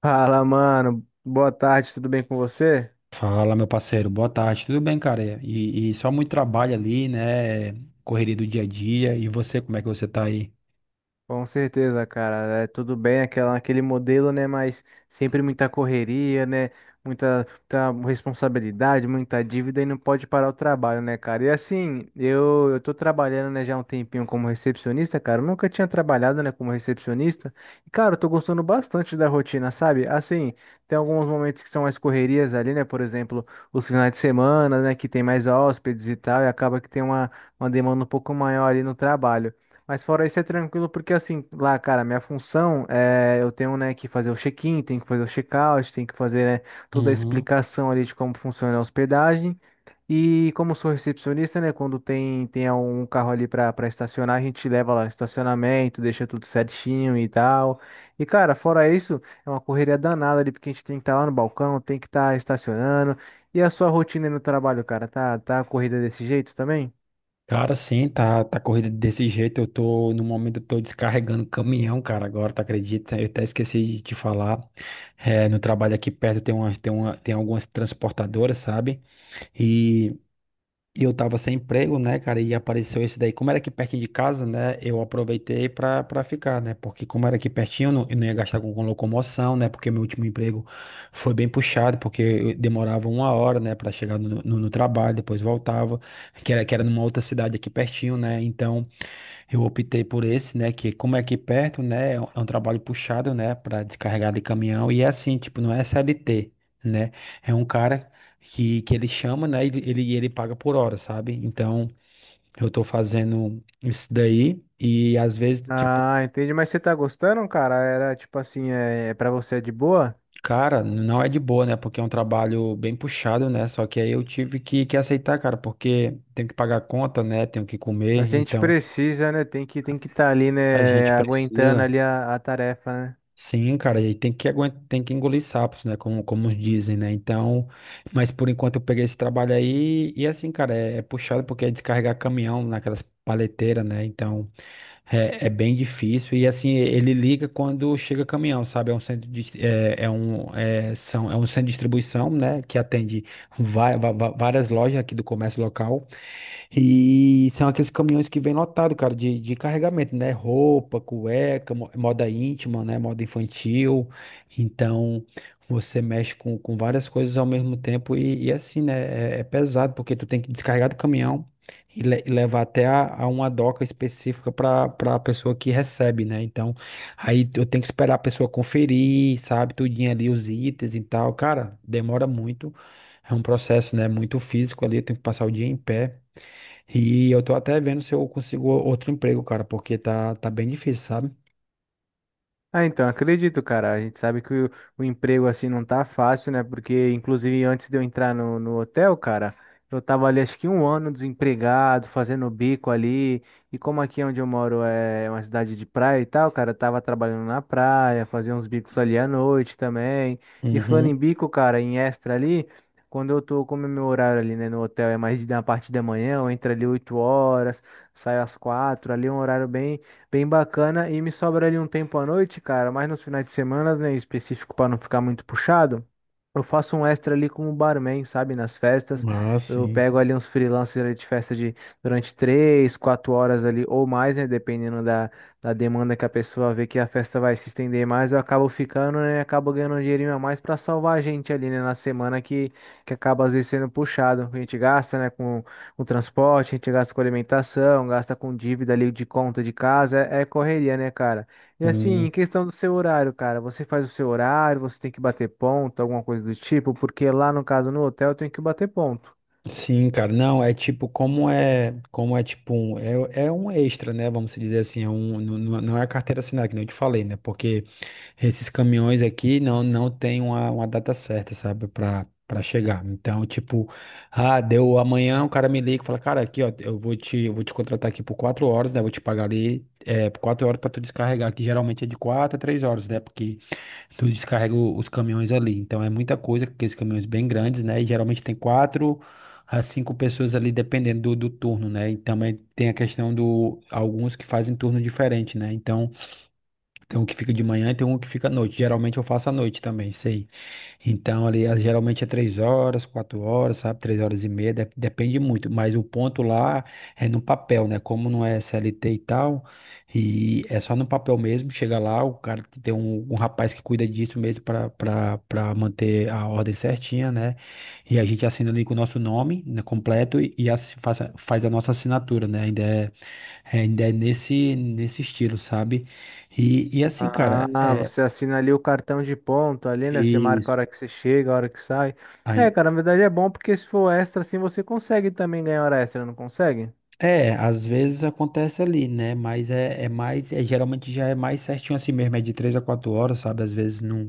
Fala, mano. Boa tarde, tudo bem com você? Fala, meu parceiro, boa tarde, tudo bem, cara? E só muito trabalho ali, né? Correria do dia a dia. E você, como é que você tá aí? Com certeza, cara. É tudo bem aquele modelo, né? Mas sempre muita correria, né? Muita, muita responsabilidade, muita dívida e não pode parar o trabalho, né, cara? E assim, eu tô trabalhando, né, já há um tempinho como recepcionista, cara. Eu nunca tinha trabalhado, né, como recepcionista. E, cara, eu tô gostando bastante da rotina, sabe? Assim, tem alguns momentos que são mais correrias ali, né? Por exemplo, os finais de semana, né? Que tem mais hóspedes e tal, e acaba que tem uma demanda um pouco maior ali no trabalho. Mas fora isso é tranquilo, porque assim, lá, cara, minha função é eu tenho, né, que fazer o check-in, tenho que fazer o check-out, tenho que fazer, né, toda a Uhum. explicação ali de como funciona a hospedagem. E como eu sou recepcionista, né, quando tem um carro ali para estacionar, a gente leva lá no estacionamento, deixa tudo certinho e tal. E cara, fora isso, é uma correria danada ali, porque a gente tem que estar lá no balcão, tem que estar estacionando. E a sua rotina aí no trabalho, cara, tá corrida desse jeito também? Cara, sim, tá corrida desse jeito. Eu tô, no momento, eu tô descarregando caminhão, cara, agora, tá acredita? Eu até esqueci de te falar. É, no trabalho aqui perto tem algumas transportadoras, sabe? E E eu tava sem emprego, né, cara? E apareceu esse daí. Como era aqui pertinho de casa, né? Eu aproveitei pra ficar, né? Porque como era aqui pertinho, eu não ia gastar com locomoção, né? Porque meu último emprego foi bem puxado, porque eu demorava uma hora, né, pra chegar no trabalho, depois voltava, que era numa outra cidade aqui pertinho, né? Então eu optei por esse, né? Que como é aqui perto, né? É um trabalho puxado, né? Pra descarregar de caminhão. E é assim, tipo, não é CLT. Né? É um cara que ele chama, né? Ele paga por hora, sabe? Então, eu tô fazendo isso daí e às vezes, tipo, Ah, entendi. Mas você tá gostando, cara? Era tipo assim, é para você é de boa? cara, não é de boa, né? Porque é um trabalho bem puxado, né? Só que aí eu tive que aceitar, cara, porque tenho que pagar a conta, né? Tenho que A comer, gente então precisa, né? Tem que estar ali, a né? gente Aguentando precisa. ali a tarefa, né? Sim, cara, e tem que aguentar, tem que engolir sapos, né? Como dizem, né? Então, mas por enquanto eu peguei esse trabalho aí e assim, cara, é puxado porque é descarregar caminhão naquelas paleteiras, né? Então, é bem difícil e assim, ele liga quando chega caminhão, sabe? É um centro de distribuição, né? Que atende várias lojas aqui do comércio local. E são aqueles caminhões que vêm lotado, cara, de carregamento, né? Roupa, cueca, moda íntima, né? Moda infantil. Então, você mexe com várias coisas ao mesmo tempo e assim, né? É pesado, porque tu tem que descarregar do caminhão e levar até a uma doca específica para a pessoa que recebe, né? Então, aí eu tenho que esperar a pessoa conferir, sabe? Tudinho ali, os itens e tal. Cara, demora muito. É um processo, né? Muito físico ali, eu tenho que passar o dia em pé. E eu tô até vendo se eu consigo outro emprego, cara, porque tá bem difícil, sabe? Ah, então, acredito, cara. A gente sabe que o emprego assim não tá fácil, né? Porque, inclusive, antes de eu entrar no hotel, cara, eu tava ali acho que um ano desempregado, fazendo bico ali. E como aqui onde eu moro é uma cidade de praia e tal, cara, eu tava trabalhando na praia, fazia uns bicos ali à noite também. E falando Uhum. em bico, cara, em extra ali, quando eu tô, como é meu horário ali, né, no hotel é mais da parte da manhã, eu entro ali 8 horas, saio às 4, ali é um horário bem bacana. E me sobra ali um tempo à noite, cara, mas nos finais de semana, né, em específico para não ficar muito puxado. Eu faço um extra ali como barman, sabe? Nas festas. Ah, Eu sim. pego ali uns freelancers ali de festa de durante 3, 4 horas ali ou mais, né? Dependendo da demanda que a pessoa vê que a festa vai se estender mais, eu acabo ficando, né? Acabo ganhando um dinheirinho a mais para salvar a gente ali, né? Na semana que acaba às vezes sendo puxado. A gente gasta, né? Com transporte, a gente gasta com alimentação, gasta com dívida ali de conta de casa, é correria, né, cara? E assim, em Sim. questão do seu horário, cara, você faz o seu horário, você tem que bater ponto, alguma coisa do tipo, porque lá no caso no hotel eu tenho que bater ponto. Sim, cara, não, é tipo, como é tipo um, é um extra, né, vamos dizer assim, é um, não é a carteira assinada, que nem eu te falei, né, porque esses caminhões aqui não tem uma, data certa, sabe, para chegar. Então, tipo, ah, deu amanhã, o cara me liga e fala, cara, aqui, ó, eu vou te contratar aqui por quatro horas, né? Vou te pagar ali por quatro horas para tu descarregar, que geralmente é de quatro a três horas, né? Porque tu descarrega os caminhões ali. Então, é muita coisa, aqueles caminhões bem grandes, né? E geralmente tem quatro a cinco pessoas ali, dependendo do turno, né? E também tem a questão do alguns que fazem turno diferente, né? Então tem um que fica de manhã e tem um que fica à noite. Geralmente eu faço à noite também, sei. Então, ali, ah, geralmente é três horas, quatro horas, sabe? Três horas e meia, depende muito. Mas o ponto lá é no papel, né? Como não é CLT e tal, e é só no papel mesmo. Chega lá, o cara que tem um rapaz que cuida disso mesmo para manter a ordem certinha, né? E a gente assina ali com o nosso nome, né, completo e faz a nossa assinatura, né? Ainda é. É, ainda é nesse estilo, sabe? E assim, cara, Ah, é você assina ali o cartão de ponto ali, né? Você marca a isso. hora que você chega, a hora que sai. É, cara, na verdade é bom porque se for extra assim você consegue também ganhar hora extra, não consegue? É, às vezes acontece ali, né? Mas é mais, geralmente já é mais certinho assim mesmo, é de três a quatro horas, sabe? Às vezes não,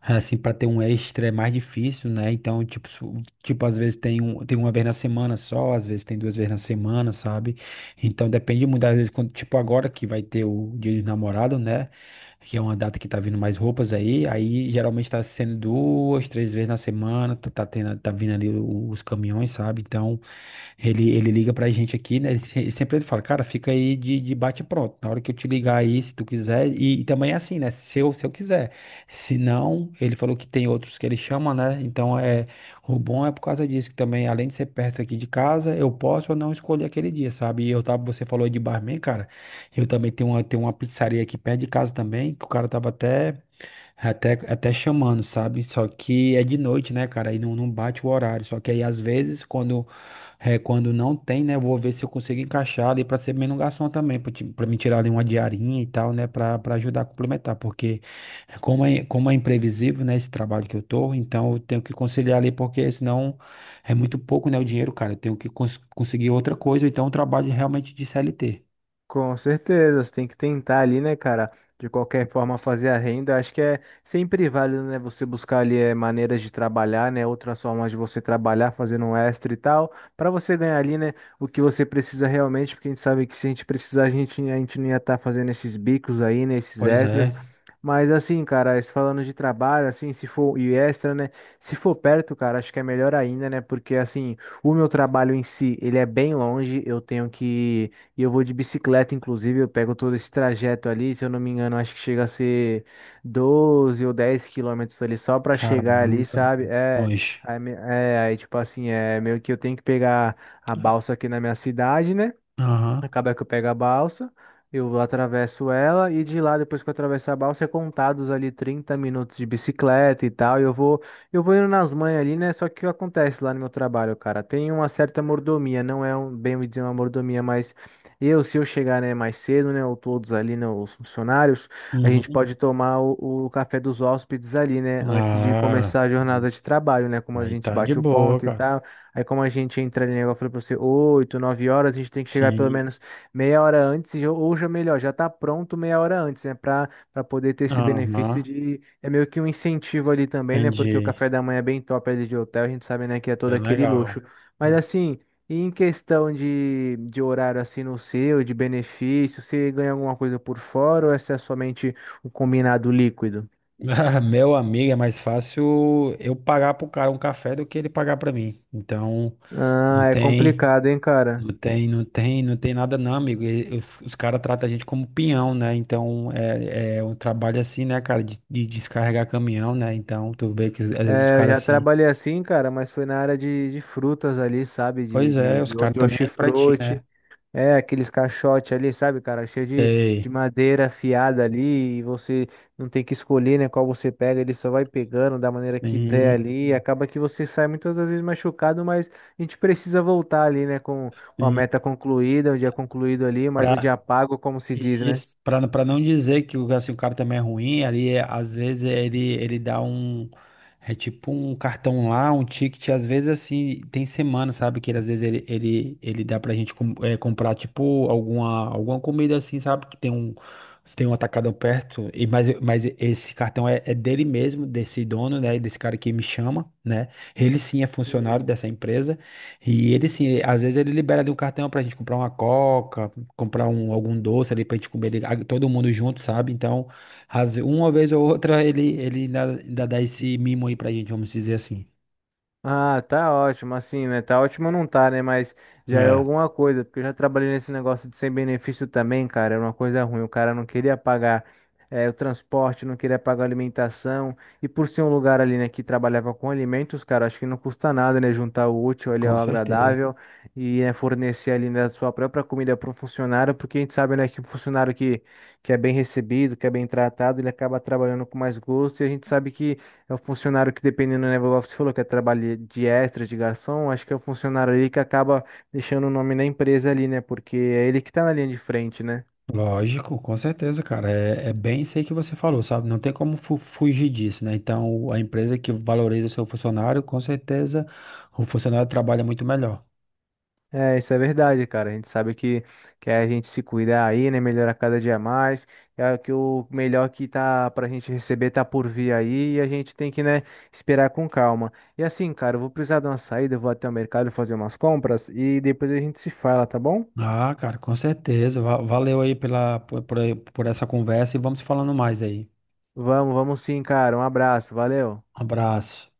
assim, para ter um extra é mais difícil, né? Então, tipo, às vezes tem uma vez na semana só, às vezes tem duas vezes na semana, sabe? Então depende muito, às vezes, quando, tipo, agora que vai ter o Dia dos Namorados, né? Que é uma data que tá vindo mais roupas aí geralmente tá sendo duas, três vezes na semana, tá tendo, tá vindo ali os caminhões, sabe? Então. Ele liga pra gente aqui, né? Ele, se- sempre ele fala, cara, fica aí de bate e pronto. Na hora que eu te ligar aí, se tu quiser. E também é assim, né? Se eu quiser. Se não, ele falou que tem outros que ele chama, né? Então é. O bom é por causa disso, que também, além de ser perto aqui de casa, eu posso ou não escolher aquele dia, sabe? E eu tava, você falou aí de barman, cara. Eu também tenho uma pizzaria aqui perto de casa também, que o cara tava até. Até chamando, sabe? Só que é de noite, né, cara? Aí não bate o horário. Só que aí, às vezes, quando não tem, né, eu vou ver se eu consigo encaixar ali pra ser menos garçom também, pra me tirar ali uma diarinha e tal, né, pra ajudar a complementar. Porque, como é imprevisível, né, esse trabalho que eu tô, então eu tenho que conciliar ali, porque senão é muito pouco, né, o dinheiro, cara. Eu tenho que conseguir outra coisa, ou então um trabalho realmente de CLT. Com certeza, você tem que tentar ali, né, cara? De qualquer forma, fazer a renda. Acho que é sempre válido, né? Você buscar ali maneiras de trabalhar, né? Outras formas de você trabalhar, fazendo um extra e tal, para você ganhar ali, né? O que você precisa realmente, porque a gente sabe que se a gente precisar, a gente não ia estar fazendo esses bicos aí, né? Esses Pois extras. é, Mas assim, cara, falando de trabalho, assim, se for e extra, né? Se for perto, cara, acho que é melhor ainda, né? Porque assim, o meu trabalho em si, ele é bem longe. Eu tenho que e eu vou de bicicleta, inclusive, eu pego todo esse trajeto ali, se eu não me engano, acho que chega a ser 12 ou 10 quilômetros ali só para chegar ali, caramba, sabe? É, longe. aí, me- é, aí tipo assim, é meio que eu tenho que pegar a balsa aqui na minha cidade, né? Aham. Acaba que eu pego a balsa, eu atravesso ela e de lá, depois que eu atravesso a balsa, é contados ali 30 minutos de bicicleta e tal. E eu vou indo nas manhas ali, né? Só que o que acontece lá no meu trabalho, cara? Tem uma certa mordomia, não é um, bem dizer uma mordomia, mas eu, se eu chegar, né, mais cedo, né, ou todos ali, né, os funcionários, a gente Uhum. pode tomar o café dos hóspedes ali, né, antes de Ah, começar a jornada de trabalho, né, como a aí gente tá de bate o boa, ponto e cara. tal. Aí como a gente entra ali, né, igual eu falei pra você, 8, 9 horas, a gente tem que chegar pelo Sim, menos meia hora antes, ou já melhor, já tá pronto meia hora antes, né? Pra poder ter esse benefício aham, de. É meio que um incentivo ali também, né? Porque o entendi. café da manhã é bem top ali de hotel, a gente sabe, né, que é todo Bem aquele legal. luxo. Mas Com- assim, e em questão de horário assim no seu, de benefício, você ganha alguma coisa por fora ou essa é somente o combinado líquido? Ah, meu amigo, é mais fácil eu pagar pro cara um café do que ele pagar pra mim. Então, não Ah, é tem, complicado, hein, cara? não tem nada não, amigo. Os caras tratam a gente como peão, né? Então, é um trabalho assim, né, cara, de descarregar caminhão, né? Então, tu vê que às vezes os É, eu caras já assim, trabalhei assim, cara, mas foi na área de frutas ali, sabe? Pois é, os caras De tão nem aí pra ti, né? hortifruti. É, aqueles caixotes ali, sabe, cara? Cheio Sei. de madeira afiada ali. E você não tem que escolher, né? Qual você pega. Ele só vai pegando da maneira que der Sim. ali. E acaba que você sai muitas das vezes machucado, mas a gente precisa voltar ali, né? Com a Sim, meta concluída, o dia concluído ali, mas um dia Pra, pago, como se diz, né? isso, pra não dizer que o, assim, o cara também é ruim, ali, às vezes ele dá um. É tipo um cartão lá, um ticket, às vezes assim, tem semana, sabe? Às vezes ele dá pra gente comprar, tipo, alguma comida assim, sabe? Que tem um atacadão perto, mas esse cartão é dele mesmo, desse dono, né? Desse cara que me chama, né? Ele sim é funcionário dessa empresa. E ele sim, às vezes ele libera ali um cartão pra gente comprar uma coca algum doce ali pra gente comer ali, todo mundo junto, sabe? Então, uma vez ou outra ele ainda dá esse mimo aí pra gente, vamos dizer assim. Ah, tá ótimo, assim, né? Tá ótimo não tá, né? Mas já é É. alguma coisa, porque eu já trabalhei nesse negócio de sem benefício também, cara. Era uma coisa ruim. O cara não queria pagar o transporte, não queria pagar a alimentação. E por ser um lugar ali, né, que trabalhava com alimentos, cara, acho que não custa nada, né? Juntar o útil ali Com ao certeza. agradável e né, fornecer ali, né, a sua própria comida para um funcionário, porque a gente sabe, né, que um funcionário que é bem recebido, que é bem tratado, ele acaba trabalhando com mais gosto e a gente sabe é o funcionário que, dependendo, né, igual você falou, que é trabalho de extra, de garçom, acho que é o funcionário ali que acaba deixando o nome da empresa ali, né? Porque é ele que tá na linha de frente, né? Lógico, com certeza, cara. É bem isso aí que você falou, sabe? Não tem como fugir disso, né? Então, a empresa que valoriza o seu funcionário, com certeza, o funcionário trabalha muito melhor. É, isso é verdade, cara. A gente sabe que é a gente se cuidar aí, né? Melhorar cada dia mais. É que o melhor que tá pra gente receber tá por vir aí e a gente tem que, né, esperar com calma. E assim, cara, eu vou precisar de uma saída, eu vou até o mercado fazer umas compras e depois a gente se fala, tá bom? Ah, cara, com certeza. Valeu aí pela, por essa conversa e vamos falando mais aí. Vamos, vamos sim, cara. Um abraço, valeu. Um abraço.